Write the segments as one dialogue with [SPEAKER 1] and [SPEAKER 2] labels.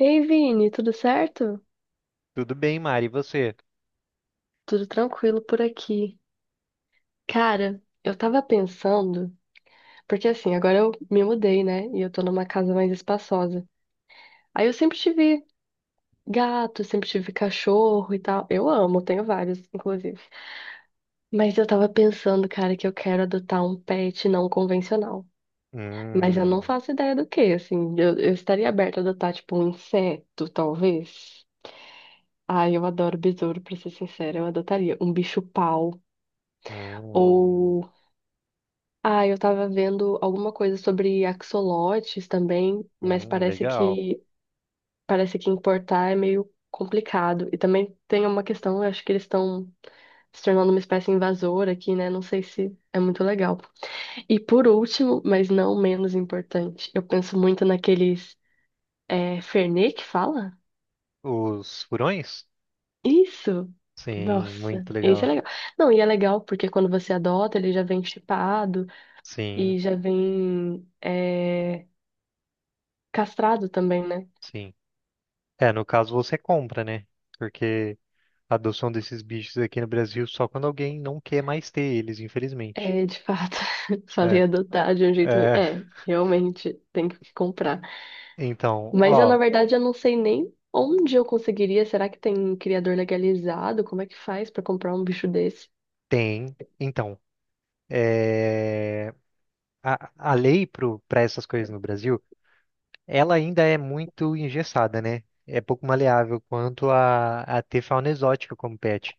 [SPEAKER 1] Ei, Vini, tudo certo?
[SPEAKER 2] Tudo bem, Mari, e você?
[SPEAKER 1] Tudo tranquilo por aqui. Cara, eu tava pensando, porque assim, agora eu me mudei, né? E eu tô numa casa mais espaçosa. Aí eu sempre tive gato, sempre tive cachorro e tal. Eu amo, tenho vários, inclusive. Mas eu tava pensando, cara, que eu quero adotar um pet não convencional. Mas eu não
[SPEAKER 2] Hum,
[SPEAKER 1] faço ideia do que, assim. Eu estaria aberta a adotar, tipo, um inseto, talvez. Ai, eu adoro besouro, pra ser sincera. Eu adotaria um bicho-pau.
[SPEAKER 2] hum,
[SPEAKER 1] Ou Ah, eu tava vendo alguma coisa sobre axolotes também, mas parece
[SPEAKER 2] legal.
[SPEAKER 1] que parece que importar é meio complicado. E também tem uma questão, eu acho que eles estão se tornando uma espécie invasora aqui, né? Não sei se é muito legal. E por último, mas não menos importante, eu penso muito naqueles Fernet que fala?
[SPEAKER 2] Os furões?
[SPEAKER 1] Isso!
[SPEAKER 2] Sim,
[SPEAKER 1] Nossa,
[SPEAKER 2] muito
[SPEAKER 1] esse é
[SPEAKER 2] legal.
[SPEAKER 1] legal. Não, e é legal porque quando você adota, ele já vem chipado
[SPEAKER 2] Sim,
[SPEAKER 1] e já vem. Castrado também, né?
[SPEAKER 2] sim. É, no caso você compra, né? Porque a adoção desses bichos aqui no Brasil só quando alguém não quer mais ter eles, infelizmente.
[SPEAKER 1] É, de fato,
[SPEAKER 2] É,
[SPEAKER 1] falei adotar de um jeito.
[SPEAKER 2] é,
[SPEAKER 1] É, realmente, tem que comprar.
[SPEAKER 2] então,
[SPEAKER 1] Mas eu, na
[SPEAKER 2] ó,
[SPEAKER 1] verdade, eu não sei nem onde eu conseguiria. Será que tem criador legalizado? Como é que faz pra comprar um bicho desse?
[SPEAKER 2] tem. Então, é, a lei para essas coisas no Brasil, ela ainda é muito engessada, né? É pouco maleável quanto a ter fauna exótica como pet.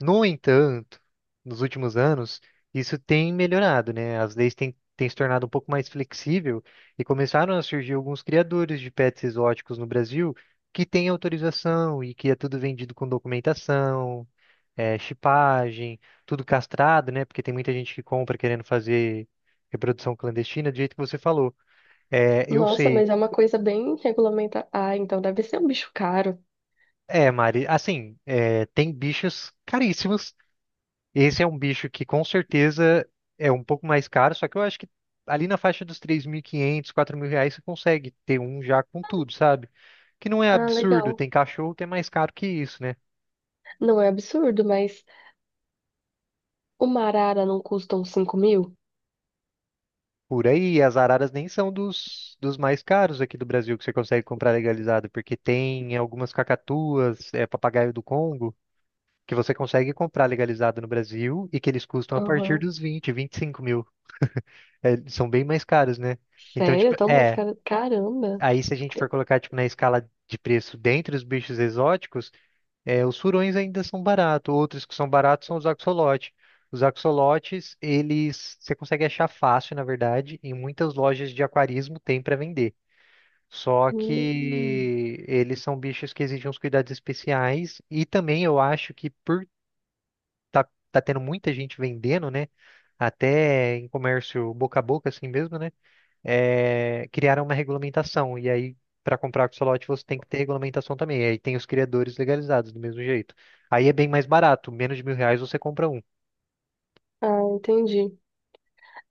[SPEAKER 2] No entanto, nos últimos anos, isso tem melhorado, né? As leis têm se tornado um pouco mais flexível e começaram a surgir alguns criadores de pets exóticos no Brasil que têm autorização e que é tudo vendido com documentação, chipagem, tudo castrado, né? Porque tem muita gente que compra querendo fazer reprodução clandestina, do jeito que você falou. É, eu
[SPEAKER 1] Nossa,
[SPEAKER 2] sei.
[SPEAKER 1] mas é uma coisa bem regulamentada. Ah, então deve ser um bicho caro.
[SPEAKER 2] É, Mari, assim, tem bichos caríssimos. Esse é um bicho que com certeza é um pouco mais caro, só que eu acho que ali na faixa dos 3.500, R$ 4.000 você consegue ter um já com tudo, sabe? Que não é
[SPEAKER 1] Ah,
[SPEAKER 2] absurdo,
[SPEAKER 1] legal.
[SPEAKER 2] tem cachorro que é mais caro que isso, né?
[SPEAKER 1] Não é absurdo, mas uma arara não custa uns 5.000?
[SPEAKER 2] Por aí, as araras nem são dos mais caros aqui do Brasil que você consegue comprar legalizado, porque tem algumas cacatuas, papagaio do Congo, que você consegue comprar legalizado no Brasil e que eles custam a partir
[SPEAKER 1] Aham.
[SPEAKER 2] dos 25 mil. É, são bem mais caros, né? Então,
[SPEAKER 1] Sério?
[SPEAKER 2] tipo,
[SPEAKER 1] Tão mais
[SPEAKER 2] é.
[SPEAKER 1] caro? Caramba.
[SPEAKER 2] Aí, se a gente for colocar, tipo, na escala de preço dentre os bichos exóticos, os furões ainda são baratos. Outros que são baratos são os axolotes. Os axolotes, eles você consegue achar fácil, na verdade, em muitas lojas de aquarismo tem para vender. Só
[SPEAKER 1] Hum.
[SPEAKER 2] que eles são bichos que exigem uns cuidados especiais. E também eu acho que por tá, tá tendo muita gente vendendo, né? Até em comércio boca a boca, assim mesmo, né? Criaram uma regulamentação. E aí, para comprar axolote, você tem que ter regulamentação também. E aí tem os criadores legalizados do mesmo jeito. Aí é bem mais barato, menos de R$ 1.000 você compra um.
[SPEAKER 1] Ah, entendi.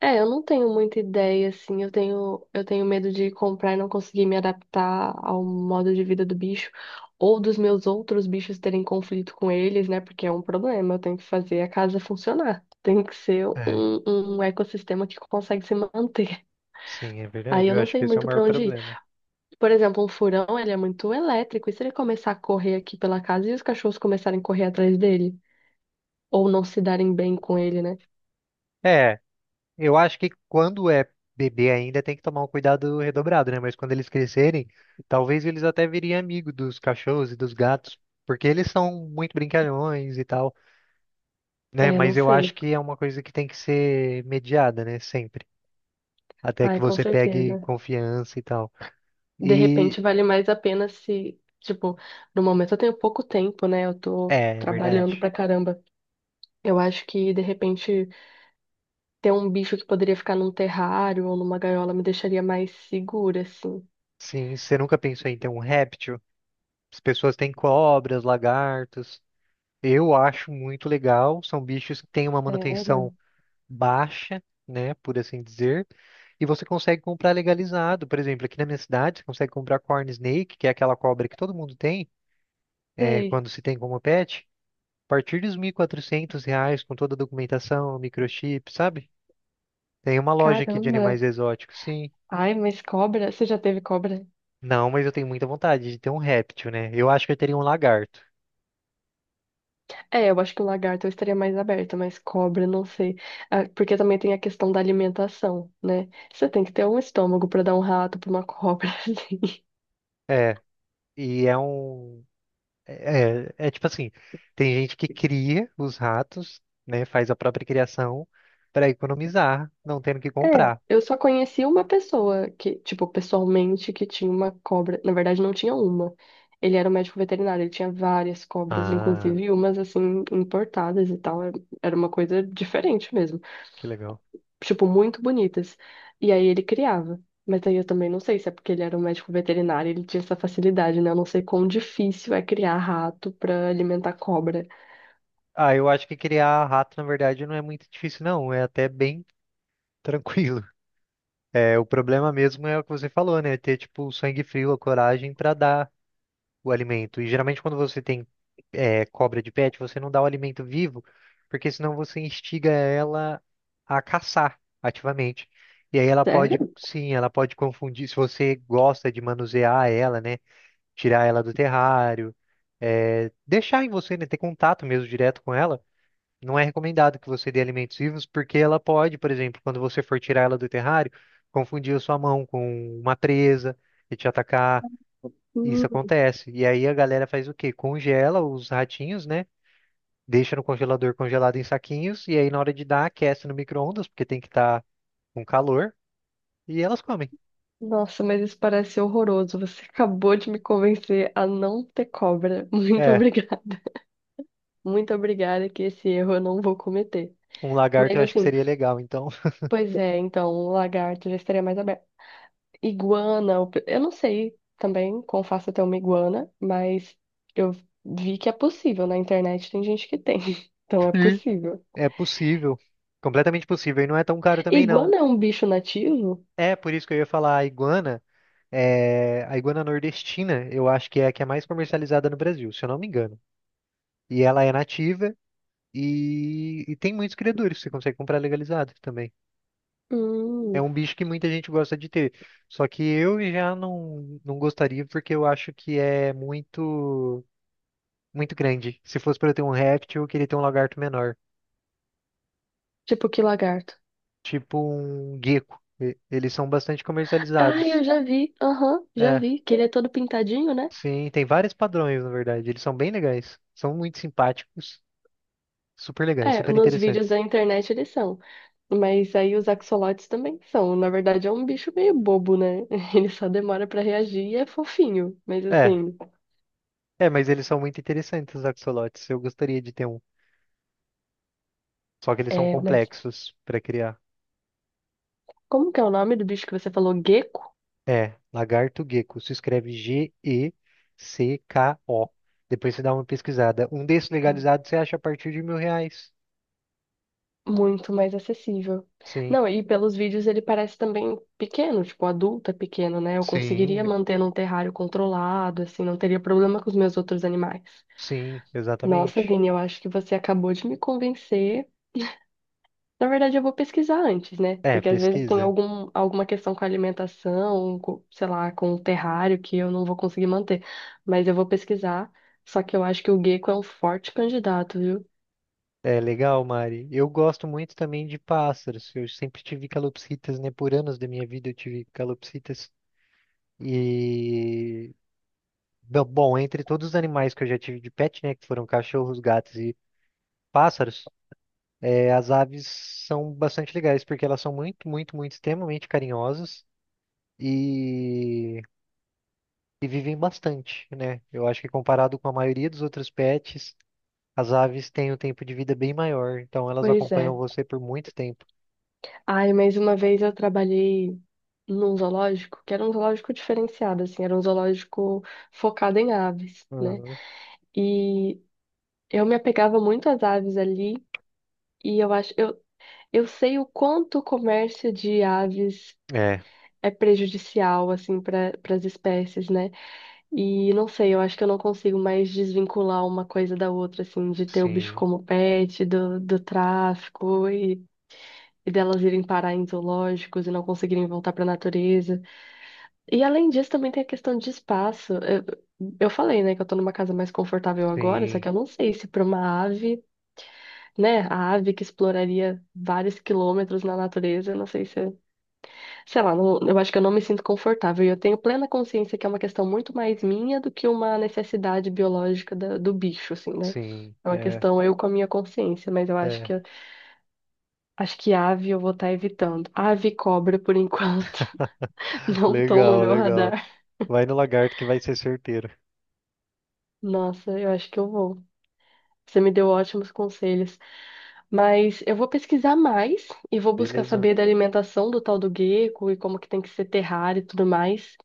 [SPEAKER 1] É, eu não tenho muita ideia, assim. Eu tenho medo de comprar e não conseguir me adaptar ao modo de vida do bicho, ou dos meus outros bichos terem conflito com eles, né? Porque é um problema. Eu tenho que fazer a casa funcionar. Tem que ser
[SPEAKER 2] É,
[SPEAKER 1] um ecossistema que consegue se manter.
[SPEAKER 2] sim, é
[SPEAKER 1] Aí
[SPEAKER 2] verdade.
[SPEAKER 1] eu
[SPEAKER 2] Eu
[SPEAKER 1] não
[SPEAKER 2] acho
[SPEAKER 1] sei
[SPEAKER 2] que esse é o
[SPEAKER 1] muito
[SPEAKER 2] maior
[SPEAKER 1] pra onde ir.
[SPEAKER 2] problema.
[SPEAKER 1] Por exemplo, um furão, ele é muito elétrico. E se ele começar a correr aqui pela casa e os cachorros começarem a correr atrás dele? Ou não se darem bem com ele, né?
[SPEAKER 2] É, eu acho que quando é bebê ainda tem que tomar um cuidado redobrado, né? Mas quando eles crescerem, talvez eles até virem amigo dos cachorros e dos gatos, porque eles são muito brincalhões e tal, né?
[SPEAKER 1] É, não
[SPEAKER 2] Mas eu acho
[SPEAKER 1] sei.
[SPEAKER 2] que é uma coisa que tem que ser mediada, né? Sempre. Até que
[SPEAKER 1] Ai, com
[SPEAKER 2] você pegue
[SPEAKER 1] certeza.
[SPEAKER 2] confiança e tal.
[SPEAKER 1] De
[SPEAKER 2] E
[SPEAKER 1] repente vale mais a pena se, tipo, no momento eu tenho pouco tempo, né? Eu tô
[SPEAKER 2] é
[SPEAKER 1] trabalhando
[SPEAKER 2] verdade.
[SPEAKER 1] pra caramba. Eu acho que de repente ter um bicho que poderia ficar num terrário ou numa gaiola me deixaria mais segura, assim.
[SPEAKER 2] Sim, você nunca pensou em ter um réptil? As pessoas têm cobras, lagartos. Eu acho muito legal. São bichos que têm uma
[SPEAKER 1] Sério?
[SPEAKER 2] manutenção baixa, né, por assim dizer. E você consegue comprar legalizado. Por exemplo, aqui na minha cidade, você consegue comprar corn snake, que é aquela cobra que todo mundo tem,
[SPEAKER 1] Sei.
[SPEAKER 2] quando se tem como pet. A partir dos R$ 1.400, com toda a documentação, microchip, sabe? Tem uma loja aqui de animais
[SPEAKER 1] Caramba.
[SPEAKER 2] exóticos, sim.
[SPEAKER 1] Ai, mas cobra? Você já teve cobra?
[SPEAKER 2] Não, mas eu tenho muita vontade de ter um réptil, né? Eu acho que eu teria um lagarto.
[SPEAKER 1] É, eu acho que o lagarto eu estaria mais aberta, mas cobra, não sei. Ah, porque também tem a questão da alimentação, né? Você tem que ter um estômago pra dar um rato pra uma cobra, assim.
[SPEAKER 2] É, e é um. É, é tipo assim: tem gente que cria os ratos, né? Faz a própria criação para economizar, não tendo que
[SPEAKER 1] É,
[SPEAKER 2] comprar.
[SPEAKER 1] eu só conheci uma pessoa que, tipo, pessoalmente, que tinha uma cobra. Na verdade, não tinha uma. Ele era um médico veterinário, ele tinha várias cobras,
[SPEAKER 2] Ah,
[SPEAKER 1] inclusive umas, assim, importadas e tal. Era uma coisa diferente mesmo.
[SPEAKER 2] que legal.
[SPEAKER 1] Tipo, muito bonitas. E aí ele criava. Mas aí eu também não sei se é porque ele era um médico veterinário, ele tinha essa facilidade, né? Eu não sei quão difícil é criar rato pra alimentar cobra.
[SPEAKER 2] Ah, eu acho que criar rato, na verdade, não é muito difícil, não. É até bem tranquilo. É, o problema mesmo é o que você falou, né? Ter, tipo, o sangue frio, a coragem para dar, o alimento. E geralmente quando você tem cobra de pet, você não dá o alimento vivo, porque senão você instiga ela a caçar ativamente. E aí ela pode,
[SPEAKER 1] Sério?
[SPEAKER 2] sim, ela pode confundir, se você gosta de manusear ela, né? Tirar ela do terrário, deixar em você, né? Ter contato mesmo direto com ela. Não é recomendado que você dê alimentos vivos, porque ela pode, por exemplo, quando você for tirar ela do terrário, confundir a sua mão com uma presa e te atacar. Isso acontece. E aí a galera faz o quê? Congela os ratinhos, né? Deixa no congelador congelado em saquinhos. E aí na hora de dar, aquece no micro-ondas, porque tem que estar com calor. E elas comem.
[SPEAKER 1] Nossa, mas isso parece horroroso. Você acabou de me convencer a não ter cobra. Muito
[SPEAKER 2] É,
[SPEAKER 1] obrigada. Muito obrigada que esse erro eu não vou cometer.
[SPEAKER 2] um lagarto
[SPEAKER 1] Mas
[SPEAKER 2] eu acho que
[SPEAKER 1] assim,
[SPEAKER 2] seria legal. Então,
[SPEAKER 1] pois é, então, lagarto já estaria mais aberto. Iguana, eu não sei também como faço até uma iguana, mas eu vi que é possível. Na internet tem gente que tem. Então é
[SPEAKER 2] hum.
[SPEAKER 1] possível.
[SPEAKER 2] É possível. Completamente possível. E não é tão caro também, não.
[SPEAKER 1] Iguana é um bicho nativo?
[SPEAKER 2] É, por isso que eu ia falar a iguana. A iguana nordestina, eu acho que é a que é mais comercializada no Brasil, se eu não me engano. E ela é nativa e tem muitos criadores. Você consegue comprar legalizado também. É um
[SPEAKER 1] Hum,
[SPEAKER 2] bicho que muita gente gosta de ter. Só que eu já não gostaria porque eu acho que é muito muito grande. Se fosse para eu ter um réptil, eu queria ter um lagarto menor,
[SPEAKER 1] tipo que lagarto.
[SPEAKER 2] tipo um gecko. Eles são bastante
[SPEAKER 1] Ah, eu
[SPEAKER 2] comercializados.
[SPEAKER 1] já vi. Aham, já
[SPEAKER 2] É,
[SPEAKER 1] vi. Que ele é todo pintadinho, né?
[SPEAKER 2] sim, tem vários padrões, na verdade. Eles são bem legais. São muito simpáticos, super legais,
[SPEAKER 1] É,
[SPEAKER 2] super
[SPEAKER 1] nos vídeos
[SPEAKER 2] interessantes.
[SPEAKER 1] da internet eles são. Mas aí os axolotes também são. Na verdade, é um bicho meio bobo, né? Ele só demora pra reagir e é fofinho. Mas
[SPEAKER 2] É,
[SPEAKER 1] assim,
[SPEAKER 2] é, mas eles são muito interessantes, os axolotes. Eu gostaria de ter um. Só que eles são
[SPEAKER 1] mas
[SPEAKER 2] complexos para criar.
[SPEAKER 1] como que é o nome do bicho que você falou? Gecko?
[SPEAKER 2] É, lagarto gecko. Se escreve Gecko. Depois você dá uma pesquisada. Um desses legalizados você acha a partir de R$ 1.000.
[SPEAKER 1] Muito mais acessível.
[SPEAKER 2] Sim,
[SPEAKER 1] Não, e pelos vídeos ele parece também pequeno, tipo, adulto é pequeno, né? Eu conseguiria
[SPEAKER 2] sim,
[SPEAKER 1] manter num terrário controlado, assim, não teria problema com os meus outros animais.
[SPEAKER 2] sim,
[SPEAKER 1] Nossa,
[SPEAKER 2] exatamente.
[SPEAKER 1] Vini, eu acho que você acabou de me convencer. Na verdade, eu vou pesquisar antes, né?
[SPEAKER 2] É,
[SPEAKER 1] Porque às vezes tem
[SPEAKER 2] pesquisa.
[SPEAKER 1] alguma questão com a alimentação, com, sei lá, com o terrário que eu não vou conseguir manter. Mas eu vou pesquisar. Só que eu acho que o gecko é um forte candidato, viu?
[SPEAKER 2] É legal, Mari. Eu gosto muito também de pássaros. Eu sempre tive calopsitas, né? Por anos da minha vida eu tive calopsitas. E. bom, entre todos os animais que eu já tive de pet, né? Que foram cachorros, gatos e pássaros. É, as aves são bastante legais porque elas são muito, muito, muito extremamente carinhosas e, e vivem bastante, né? Eu acho que comparado com a maioria dos outros pets, as aves têm um tempo de vida bem maior, então elas
[SPEAKER 1] Pois
[SPEAKER 2] acompanham
[SPEAKER 1] é.
[SPEAKER 2] você por muito tempo.
[SPEAKER 1] Ai, mas uma vez eu trabalhei num zoológico, que era um zoológico diferenciado, assim, era um zoológico focado em aves, né?
[SPEAKER 2] Uhum.
[SPEAKER 1] E eu me apegava muito às aves ali, e eu sei o quanto o comércio de aves
[SPEAKER 2] É,
[SPEAKER 1] é prejudicial, assim, para as espécies, né? E não sei, eu acho que eu não consigo mais desvincular uma coisa da outra, assim, de ter o bicho
[SPEAKER 2] sim,
[SPEAKER 1] como pet, do tráfico e delas irem parar em zoológicos e não conseguirem voltar para a natureza. E além disso, também tem a questão de espaço. Eu falei, né, que eu tô numa casa mais confortável agora, só
[SPEAKER 2] sim,
[SPEAKER 1] que eu não sei se para uma ave, né, a ave que exploraria vários quilômetros na natureza, eu não sei se é. Sei lá, eu acho que eu não me sinto confortável. E eu tenho plena consciência que é uma questão muito mais minha do que uma necessidade biológica do bicho, assim, né?
[SPEAKER 2] sim,
[SPEAKER 1] É uma
[SPEAKER 2] é,
[SPEAKER 1] questão eu com a minha consciência, mas eu acho
[SPEAKER 2] é.
[SPEAKER 1] que acho que ave eu vou estar evitando. Ave e cobra, por enquanto, não estão no
[SPEAKER 2] Legal,
[SPEAKER 1] meu
[SPEAKER 2] legal.
[SPEAKER 1] radar.
[SPEAKER 2] Vai no lagarto que vai ser certeiro.
[SPEAKER 1] Nossa, eu acho que eu vou. Você me deu ótimos conselhos. Mas eu vou pesquisar mais e vou buscar
[SPEAKER 2] Beleza.
[SPEAKER 1] saber da alimentação do tal do gecko e como que tem que ser terrário e tudo mais.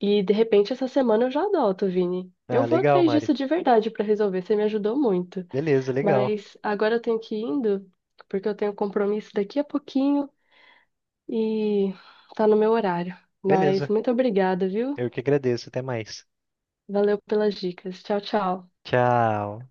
[SPEAKER 1] E de repente essa semana eu já adoto, Vini. Eu
[SPEAKER 2] Ah,
[SPEAKER 1] vou
[SPEAKER 2] legal,
[SPEAKER 1] atrás
[SPEAKER 2] Mari.
[SPEAKER 1] disso de verdade pra resolver, você me ajudou muito.
[SPEAKER 2] Beleza, legal.
[SPEAKER 1] Mas agora eu tenho que ir indo, porque eu tenho um compromisso daqui a pouquinho e tá no meu horário. Mas
[SPEAKER 2] Beleza.
[SPEAKER 1] muito obrigada, viu?
[SPEAKER 2] Eu que agradeço. Até mais.
[SPEAKER 1] Valeu pelas dicas. Tchau, tchau.
[SPEAKER 2] Tchau.